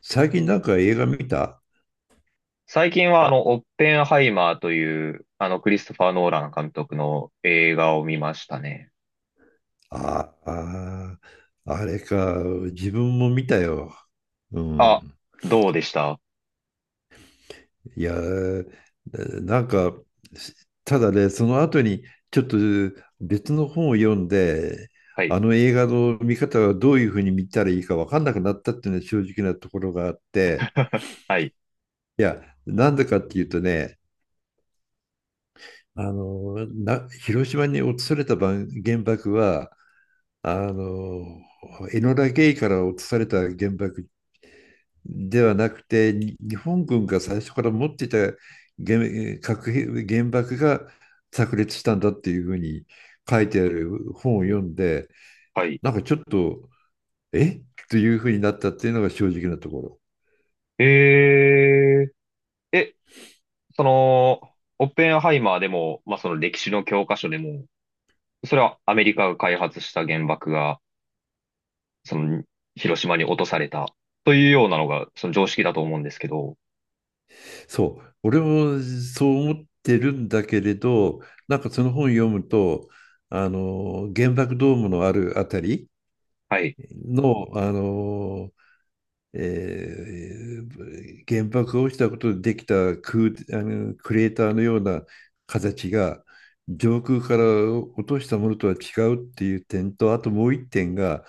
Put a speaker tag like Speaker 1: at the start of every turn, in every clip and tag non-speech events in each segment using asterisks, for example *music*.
Speaker 1: 最近なんか映画見た？
Speaker 2: 最近は、オッペンハイマーという、クリストファー・ノーラン監督の映画を見ましたね。
Speaker 1: ああ、あれか、自分も見たよ。う
Speaker 2: あ、
Speaker 1: ん。
Speaker 2: どうでした？
Speaker 1: いや、なんか、ただね、その後にちょっと別の本を読んで、
Speaker 2: はい。
Speaker 1: あの映画の見方はどういうふうに見たらいいか分かんなくなったっていうのは正直なところがあって、
Speaker 2: *laughs* はい。
Speaker 1: いや、なんでかっていうとね、広島に落とされた原爆は、あの、エノラ・ゲイから落とされた原爆ではなくて、日本軍が最初から持っていた原爆が炸裂したんだっていうふうに書いてある本を読んで、
Speaker 2: はい。
Speaker 1: なんかちょっと、えというふうになったっていうのが正直なところ。
Speaker 2: えー、え、その、オッペンハイマーでも、まあ、その歴史の教科書でも、それはアメリカが開発した原爆が、その、広島に落とされた、というようなのが、その常識だと思うんですけど、
Speaker 1: そう、俺もそう思ってるんだけれど、なんかその本読むと、あの原爆ドームのあるあたり
Speaker 2: はい。
Speaker 1: の、あの原爆が落ちたことでできたあのクレーターのような形が上空から落としたものとは違うっていう点と、あともう一点が、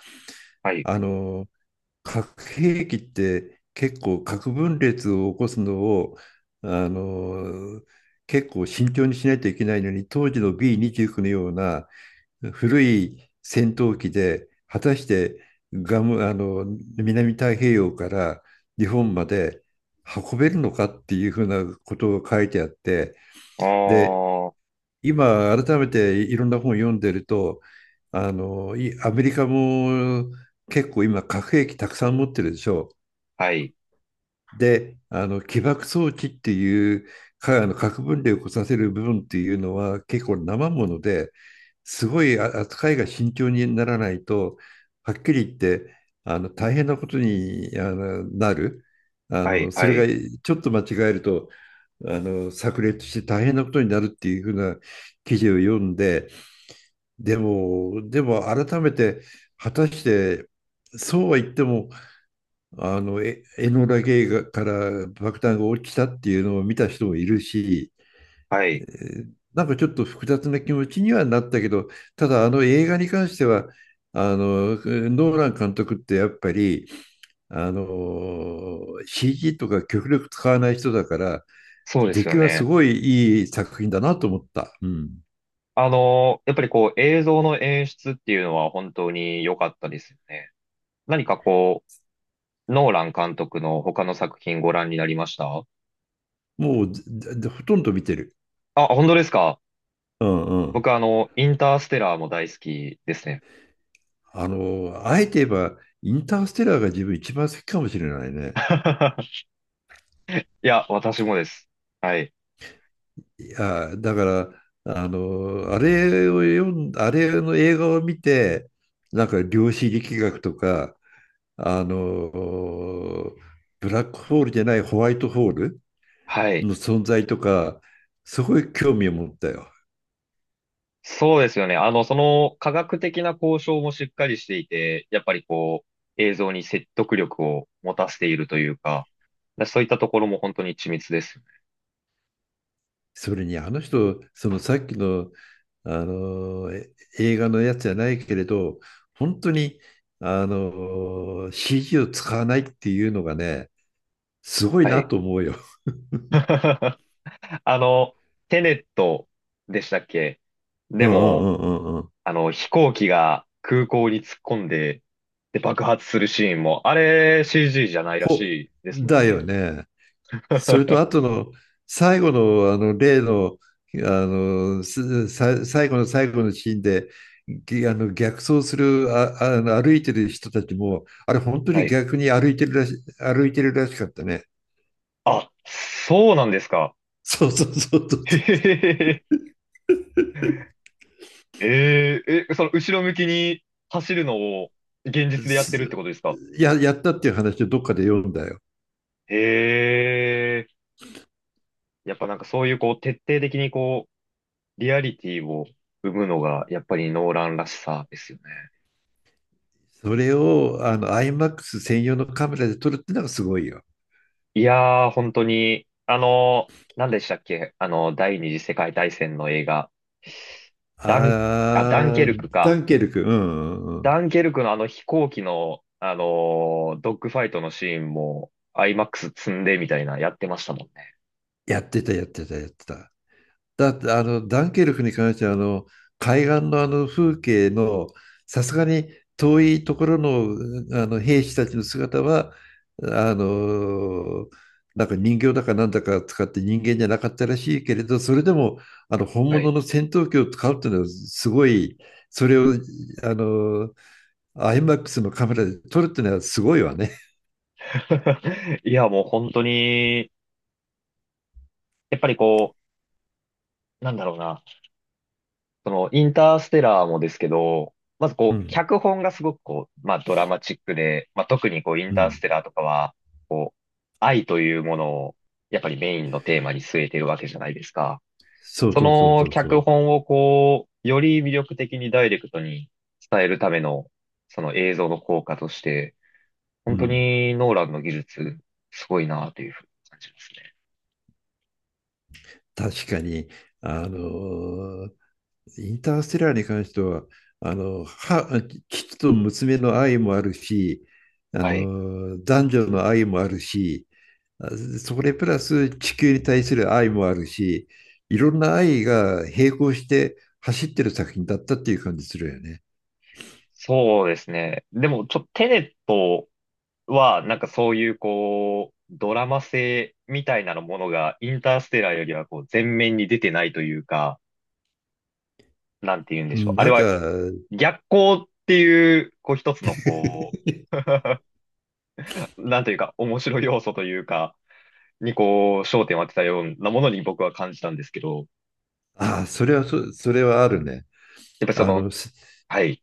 Speaker 2: はい。
Speaker 1: あの核兵器って結構核分裂を起こすのを、あの結構慎重にしないといけないのに、当時の B29 のような古い戦闘機で果たして、あの南太平洋から日本まで運べるのかっていうふうなことを書いてあって、
Speaker 2: あ
Speaker 1: で、
Speaker 2: ー、
Speaker 1: 今改めていろんな本を読んでると、あのいアメリカも結構今核兵器たくさん持ってるでしょ？
Speaker 2: はい。
Speaker 1: で、あの起爆装置っていうか、あの核分裂を起こさせる部分っていうのは結構生もので、すごい扱いが慎重にならないと、はっきり言って、あの大変なことに、なる、
Speaker 2: はい、
Speaker 1: そ
Speaker 2: は
Speaker 1: れ
Speaker 2: い、
Speaker 1: が、ちょっと間違えると、炸裂して大変なことになるっていうふうな記事を読んで、でも改めて、果たしてそうは言っても、エノラ・ゲイから爆弾が起きたっていうのを見た人もいるし、
Speaker 2: は
Speaker 1: え
Speaker 2: い。
Speaker 1: なんかちょっと複雑な気持ちにはなったけど、ただあの映画に関しては、あの、ノーラン監督ってやっぱり、あの、CG とか極力使わない人だから、
Speaker 2: そうで
Speaker 1: 出
Speaker 2: すよ
Speaker 1: 来はす
Speaker 2: ね。
Speaker 1: ごいいい作品だなと思った。うん。
Speaker 2: やっぱりこう映像の演出っていうのは本当に良かったですよね。何かこう、ノーラン監督の他の作品ご覧になりました？
Speaker 1: もう、ほとんど見てる。
Speaker 2: あ、本当ですか？
Speaker 1: うんうん。
Speaker 2: 僕インターステラーも大好きですね。
Speaker 1: あえて言えば、インターステラーが自分一番好きかもしれないね。
Speaker 2: *laughs* いや、私もです。はい。
Speaker 1: や、だから、あの、あれを読ん、あれの映画を見て、なんか量子力学とか、あの、ブラックホールじゃないホワイトホール
Speaker 2: はい。
Speaker 1: の存在とか、すごい興味を持ったよ。
Speaker 2: そうですよね。その科学的な交渉もしっかりしていて、やっぱりこう、映像に説得力を持たせているというか、そういったところも本当に緻密ですよね。
Speaker 1: それにあの人、そのさっきの、あの映画のやつじゃないけれど、本当にあの CG を使わないっていうのがね、すごい
Speaker 2: は
Speaker 1: な
Speaker 2: い。
Speaker 1: と思うよ。
Speaker 2: *laughs* あの、テネットでしたっけ？
Speaker 1: う
Speaker 2: で
Speaker 1: んうんう
Speaker 2: も、
Speaker 1: んうんうん。
Speaker 2: 飛行機が空港に突っ込んで、で、爆発するシーンも、あれ CG じゃないらし
Speaker 1: ほ、
Speaker 2: いですもん
Speaker 1: だよ
Speaker 2: ね。
Speaker 1: ね。それと、あと
Speaker 2: *laughs*
Speaker 1: の、最後の、あの、例の、最後の最後のシーンで、ぎあの、逆走する、歩いてる人たちも、あれ、本当
Speaker 2: は
Speaker 1: に
Speaker 2: い。
Speaker 1: 逆に歩いてるらしかったね。
Speaker 2: あ、そうなんですか。
Speaker 1: そうそうそうそ
Speaker 2: へへへへ。その後ろ向きに走るのを現
Speaker 1: う。
Speaker 2: 実でやってるってことですか？
Speaker 1: やったっていう話をどっかで読んだよ。
Speaker 2: へえ。やっぱなんかそういうこう徹底的にこう、リアリティを生むのがやっぱりノーランらしさですよね。
Speaker 1: それを、あの、IMAX 専用のカメラで撮るってのがすごいよ。
Speaker 2: いやー、本当に、何でしたっけ、第二次世界大戦の映画。ダン、あ、ダンケ
Speaker 1: ああ、
Speaker 2: ルクか。
Speaker 1: ダンケルク、うん、うんうん。
Speaker 2: ダンケルクのあの飛行機の、ドッグファイトのシーンも、IMAX 積んでみたいな、やってましたもんね。
Speaker 1: やってた、やってた、やってた。だってあのダンケルクに関しては、あの海岸のあの風景の、さすがに遠いところの、あの兵士たちの姿は、あのなんか人形だかなんだか使って人間じゃなかったらしいけれど、それでもあの本
Speaker 2: は
Speaker 1: 物
Speaker 2: い。
Speaker 1: の戦闘機を使うっていうのはすごい、それを、あのアイマックスのカメラで撮るっていうのはすごいわね。
Speaker 2: *laughs* いや、もう本当に、やっぱりこう、なんだろうな。その、インターステラーもですけど、まず
Speaker 1: う
Speaker 2: こう、
Speaker 1: ん
Speaker 2: 脚本がすごくこう、まあドラマチックで、まあ特にこう、イン
Speaker 1: う
Speaker 2: タース
Speaker 1: ん、
Speaker 2: テラーとかは、こう、愛というものを、やっぱりメインのテーマに据えてるわけじゃないですか。
Speaker 1: そう
Speaker 2: そ
Speaker 1: そうそう
Speaker 2: の
Speaker 1: そうそ
Speaker 2: 脚
Speaker 1: う。
Speaker 2: 本をこう、より魅力的にダイレクトに伝えるための、その映像の効果として、
Speaker 1: う
Speaker 2: 本当
Speaker 1: ん、
Speaker 2: にノーランの技術、すごいなというふうに感じますね。
Speaker 1: 確かにあのインターステラーに関しては、あの、は、父と娘の愛もあるし、あ
Speaker 2: はい。
Speaker 1: の、男女の愛もあるし、それプラス地球に対する愛もあるし、いろんな愛が並行して走ってる作品だったっていう感じするよね。
Speaker 2: そうですね。でも、ちょっとテネットは、なんかそういうこう、ドラマ性みたいなものがインターステラーよりはこう、前面に出てないというか、なんて言うんで
Speaker 1: う
Speaker 2: しょう。
Speaker 1: ん、
Speaker 2: あ
Speaker 1: な
Speaker 2: れ
Speaker 1: んか、
Speaker 2: は逆光っていう、こう一つのこ
Speaker 1: *laughs*
Speaker 2: う、なんというか面白い要素というか、にこう、焦点を当てたようなものに僕は感じたんですけど、
Speaker 1: ああ、それはあるね。
Speaker 2: やっぱりそ
Speaker 1: あ
Speaker 2: の、
Speaker 1: の、す
Speaker 2: はい、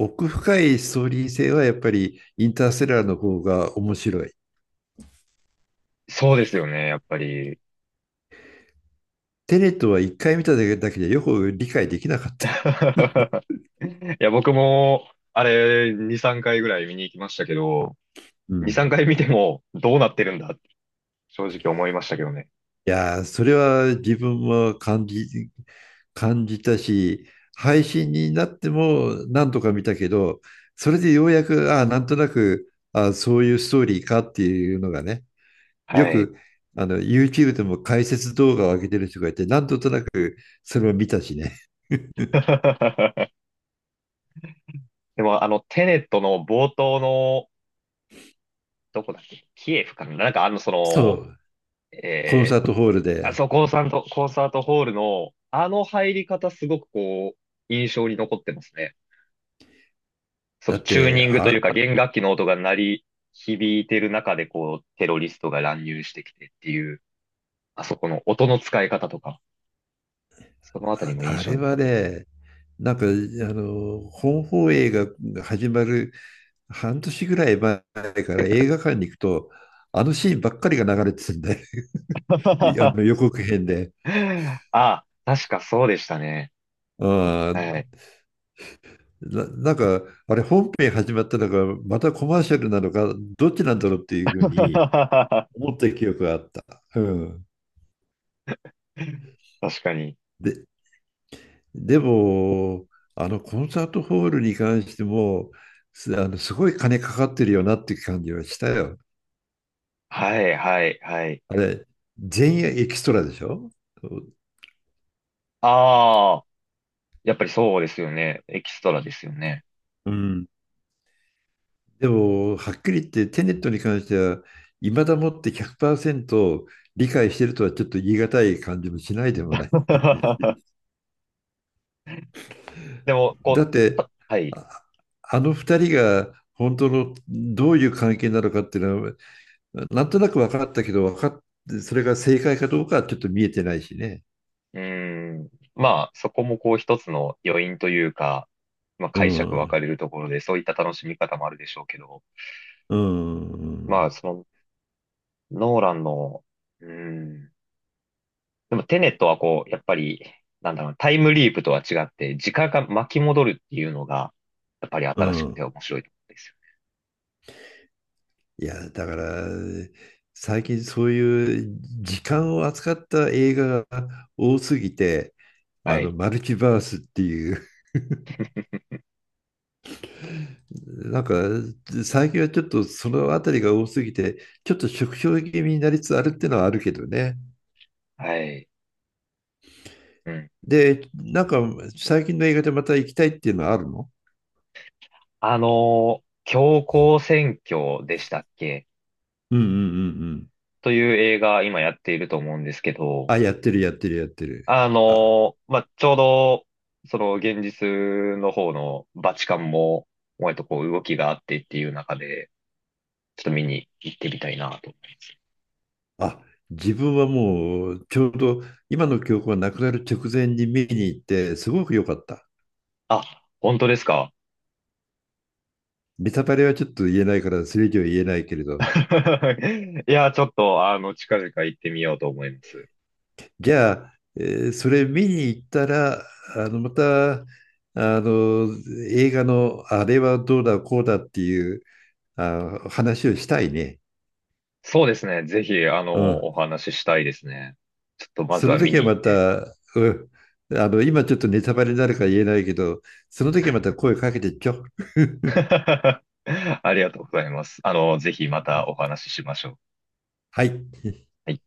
Speaker 1: 奥深いストーリー性はやっぱりインターステラーの方が面白い。
Speaker 2: そうですよね、やっぱり。
Speaker 1: テネットは一回見ただけでよく理解できなかった。*laughs*
Speaker 2: *laughs* いや、僕も、あれ、2、3回ぐらい見に行きましたけど、
Speaker 1: う
Speaker 2: 2、
Speaker 1: ん。
Speaker 2: 3回見てもどうなってるんだっ正直思いましたけどね。
Speaker 1: いやー、それは自分も感じたし、配信になっても何とか見たけど、それでようやく、ああ、なんとなく、ああ、そういうストーリーかっていうのがね、よ
Speaker 2: はい。
Speaker 1: く、あの、YouTube でも解説動画を上げてる人がいて、なんとなくそれを見たしね。*laughs*
Speaker 2: *laughs* でも、テネットの冒頭の、どこだっけキエフかななんか
Speaker 1: そう、コン
Speaker 2: え
Speaker 1: サー
Speaker 2: ー、
Speaker 1: トホール
Speaker 2: あ
Speaker 1: で。
Speaker 2: そこコンサートホールの、あの入り方すごくこう、印象に残ってますね。そ
Speaker 1: だっ
Speaker 2: のチュー
Speaker 1: て、
Speaker 2: ニングというか弦楽器の音が鳴り響いてる中でこう、テロリストが乱入してきてっていう、あそこの音の使い方とか、そのあたりも印
Speaker 1: あ
Speaker 2: 象
Speaker 1: れ
Speaker 2: に残
Speaker 1: は
Speaker 2: ってます。
Speaker 1: ね、なんか、あの、本放映が始まる半年ぐらい前から映画館に行くと、あのシーンばっかりが流れてたんで、*laughs* あ
Speaker 2: *laughs*
Speaker 1: の予告編で。
Speaker 2: ああ、確かそうでしたね。
Speaker 1: あ
Speaker 2: は
Speaker 1: ー
Speaker 2: い。
Speaker 1: な、なんか、あれ本編始まったのか、またコマーシャルなのか、どっちなんだろうっていう
Speaker 2: *laughs*
Speaker 1: ふうに
Speaker 2: 確
Speaker 1: 思った記憶があった。うん。
Speaker 2: かに。
Speaker 1: で、でも、あのコンサートホールに関しても、すあのすごい金かかってるよなっていう感じはしたよ。
Speaker 2: はい、はい、はい。
Speaker 1: あれ、全員エキストラでしょ？
Speaker 2: ああ、やっぱりそうですよね。エキストラですよね。
Speaker 1: うん。でも、はっきり言ってテネットに関しては、いまだもって100%理解してるとはちょっと言い難い感じもしないでもない。*laughs*
Speaker 2: *laughs* でも、こ
Speaker 1: だ
Speaker 2: う、
Speaker 1: って、
Speaker 2: たはい。
Speaker 1: あ、あの2人が本当のどういう関係なのかっていうのは、なんとなく分かったけど、分かっそれが正解かどうかはちょっと見えてないしね。
Speaker 2: うーん。まあ、そこもこう一つの余韻というか、まあ
Speaker 1: う
Speaker 2: 解釈分
Speaker 1: ん、
Speaker 2: かれるところで、そういった楽しみ方もあるでしょうけど、
Speaker 1: う
Speaker 2: ま
Speaker 1: ん、
Speaker 2: あ、その、ノーランの、うーん。でも、テネットはこう、やっぱり、なんだろう、タイムリープとは違って、時間が巻き戻るっていうのが、やっぱり
Speaker 1: う
Speaker 2: 新しくて
Speaker 1: ん。
Speaker 2: 面白いところですよ
Speaker 1: いや、だから、最近そういう時間を扱った映画が多すぎて、
Speaker 2: ね。
Speaker 1: あ
Speaker 2: は
Speaker 1: の、
Speaker 2: い。
Speaker 1: マルチバースっていう、*laughs* なんか、最近はちょっとそのあたりが多すぎて、ちょっと縮小気味になりつつあるっていうのはあるけどね。
Speaker 2: はい。うん。
Speaker 1: で、なんか、最近の映画でまた行きたいっていうのはあるの？
Speaker 2: 強行選挙でしたっけ
Speaker 1: うんうんうんうん。
Speaker 2: という映画、今やっていると思うんですけど、
Speaker 1: あ、やってる、やってる、やってる。あ、
Speaker 2: まあ、ちょうど、その現実の方のバチカンも、割とこう動きがあってっていう中で、ちょっと見に行ってみたいなと思います。
Speaker 1: あ、自分はもう、ちょうど今の記憶がなくなる直前に見に行って、すごく良かった。
Speaker 2: あ、本当ですか？
Speaker 1: ネタバレはちょっと言えないから、それ以上言えないけれど、
Speaker 2: *laughs* いや、ちょっと、近々行ってみようと思います。
Speaker 1: じゃあ、それ見に行ったら、また、あの、映画のあれはどうだ、こうだっていう、話をしたいね。
Speaker 2: そうですね。ぜひ、
Speaker 1: うん。
Speaker 2: お話ししたいですね。ちょっとまず
Speaker 1: そ
Speaker 2: は
Speaker 1: の
Speaker 2: 見
Speaker 1: 時
Speaker 2: に
Speaker 1: は
Speaker 2: 行
Speaker 1: ま
Speaker 2: って。
Speaker 1: た、うん。今ちょっとネタバレになるから言えないけど、その時はまた声かけてちょ。*laughs*
Speaker 2: *laughs* ありがとうございます。ぜひまたお話ししましょう。
Speaker 1: はい。
Speaker 2: はい。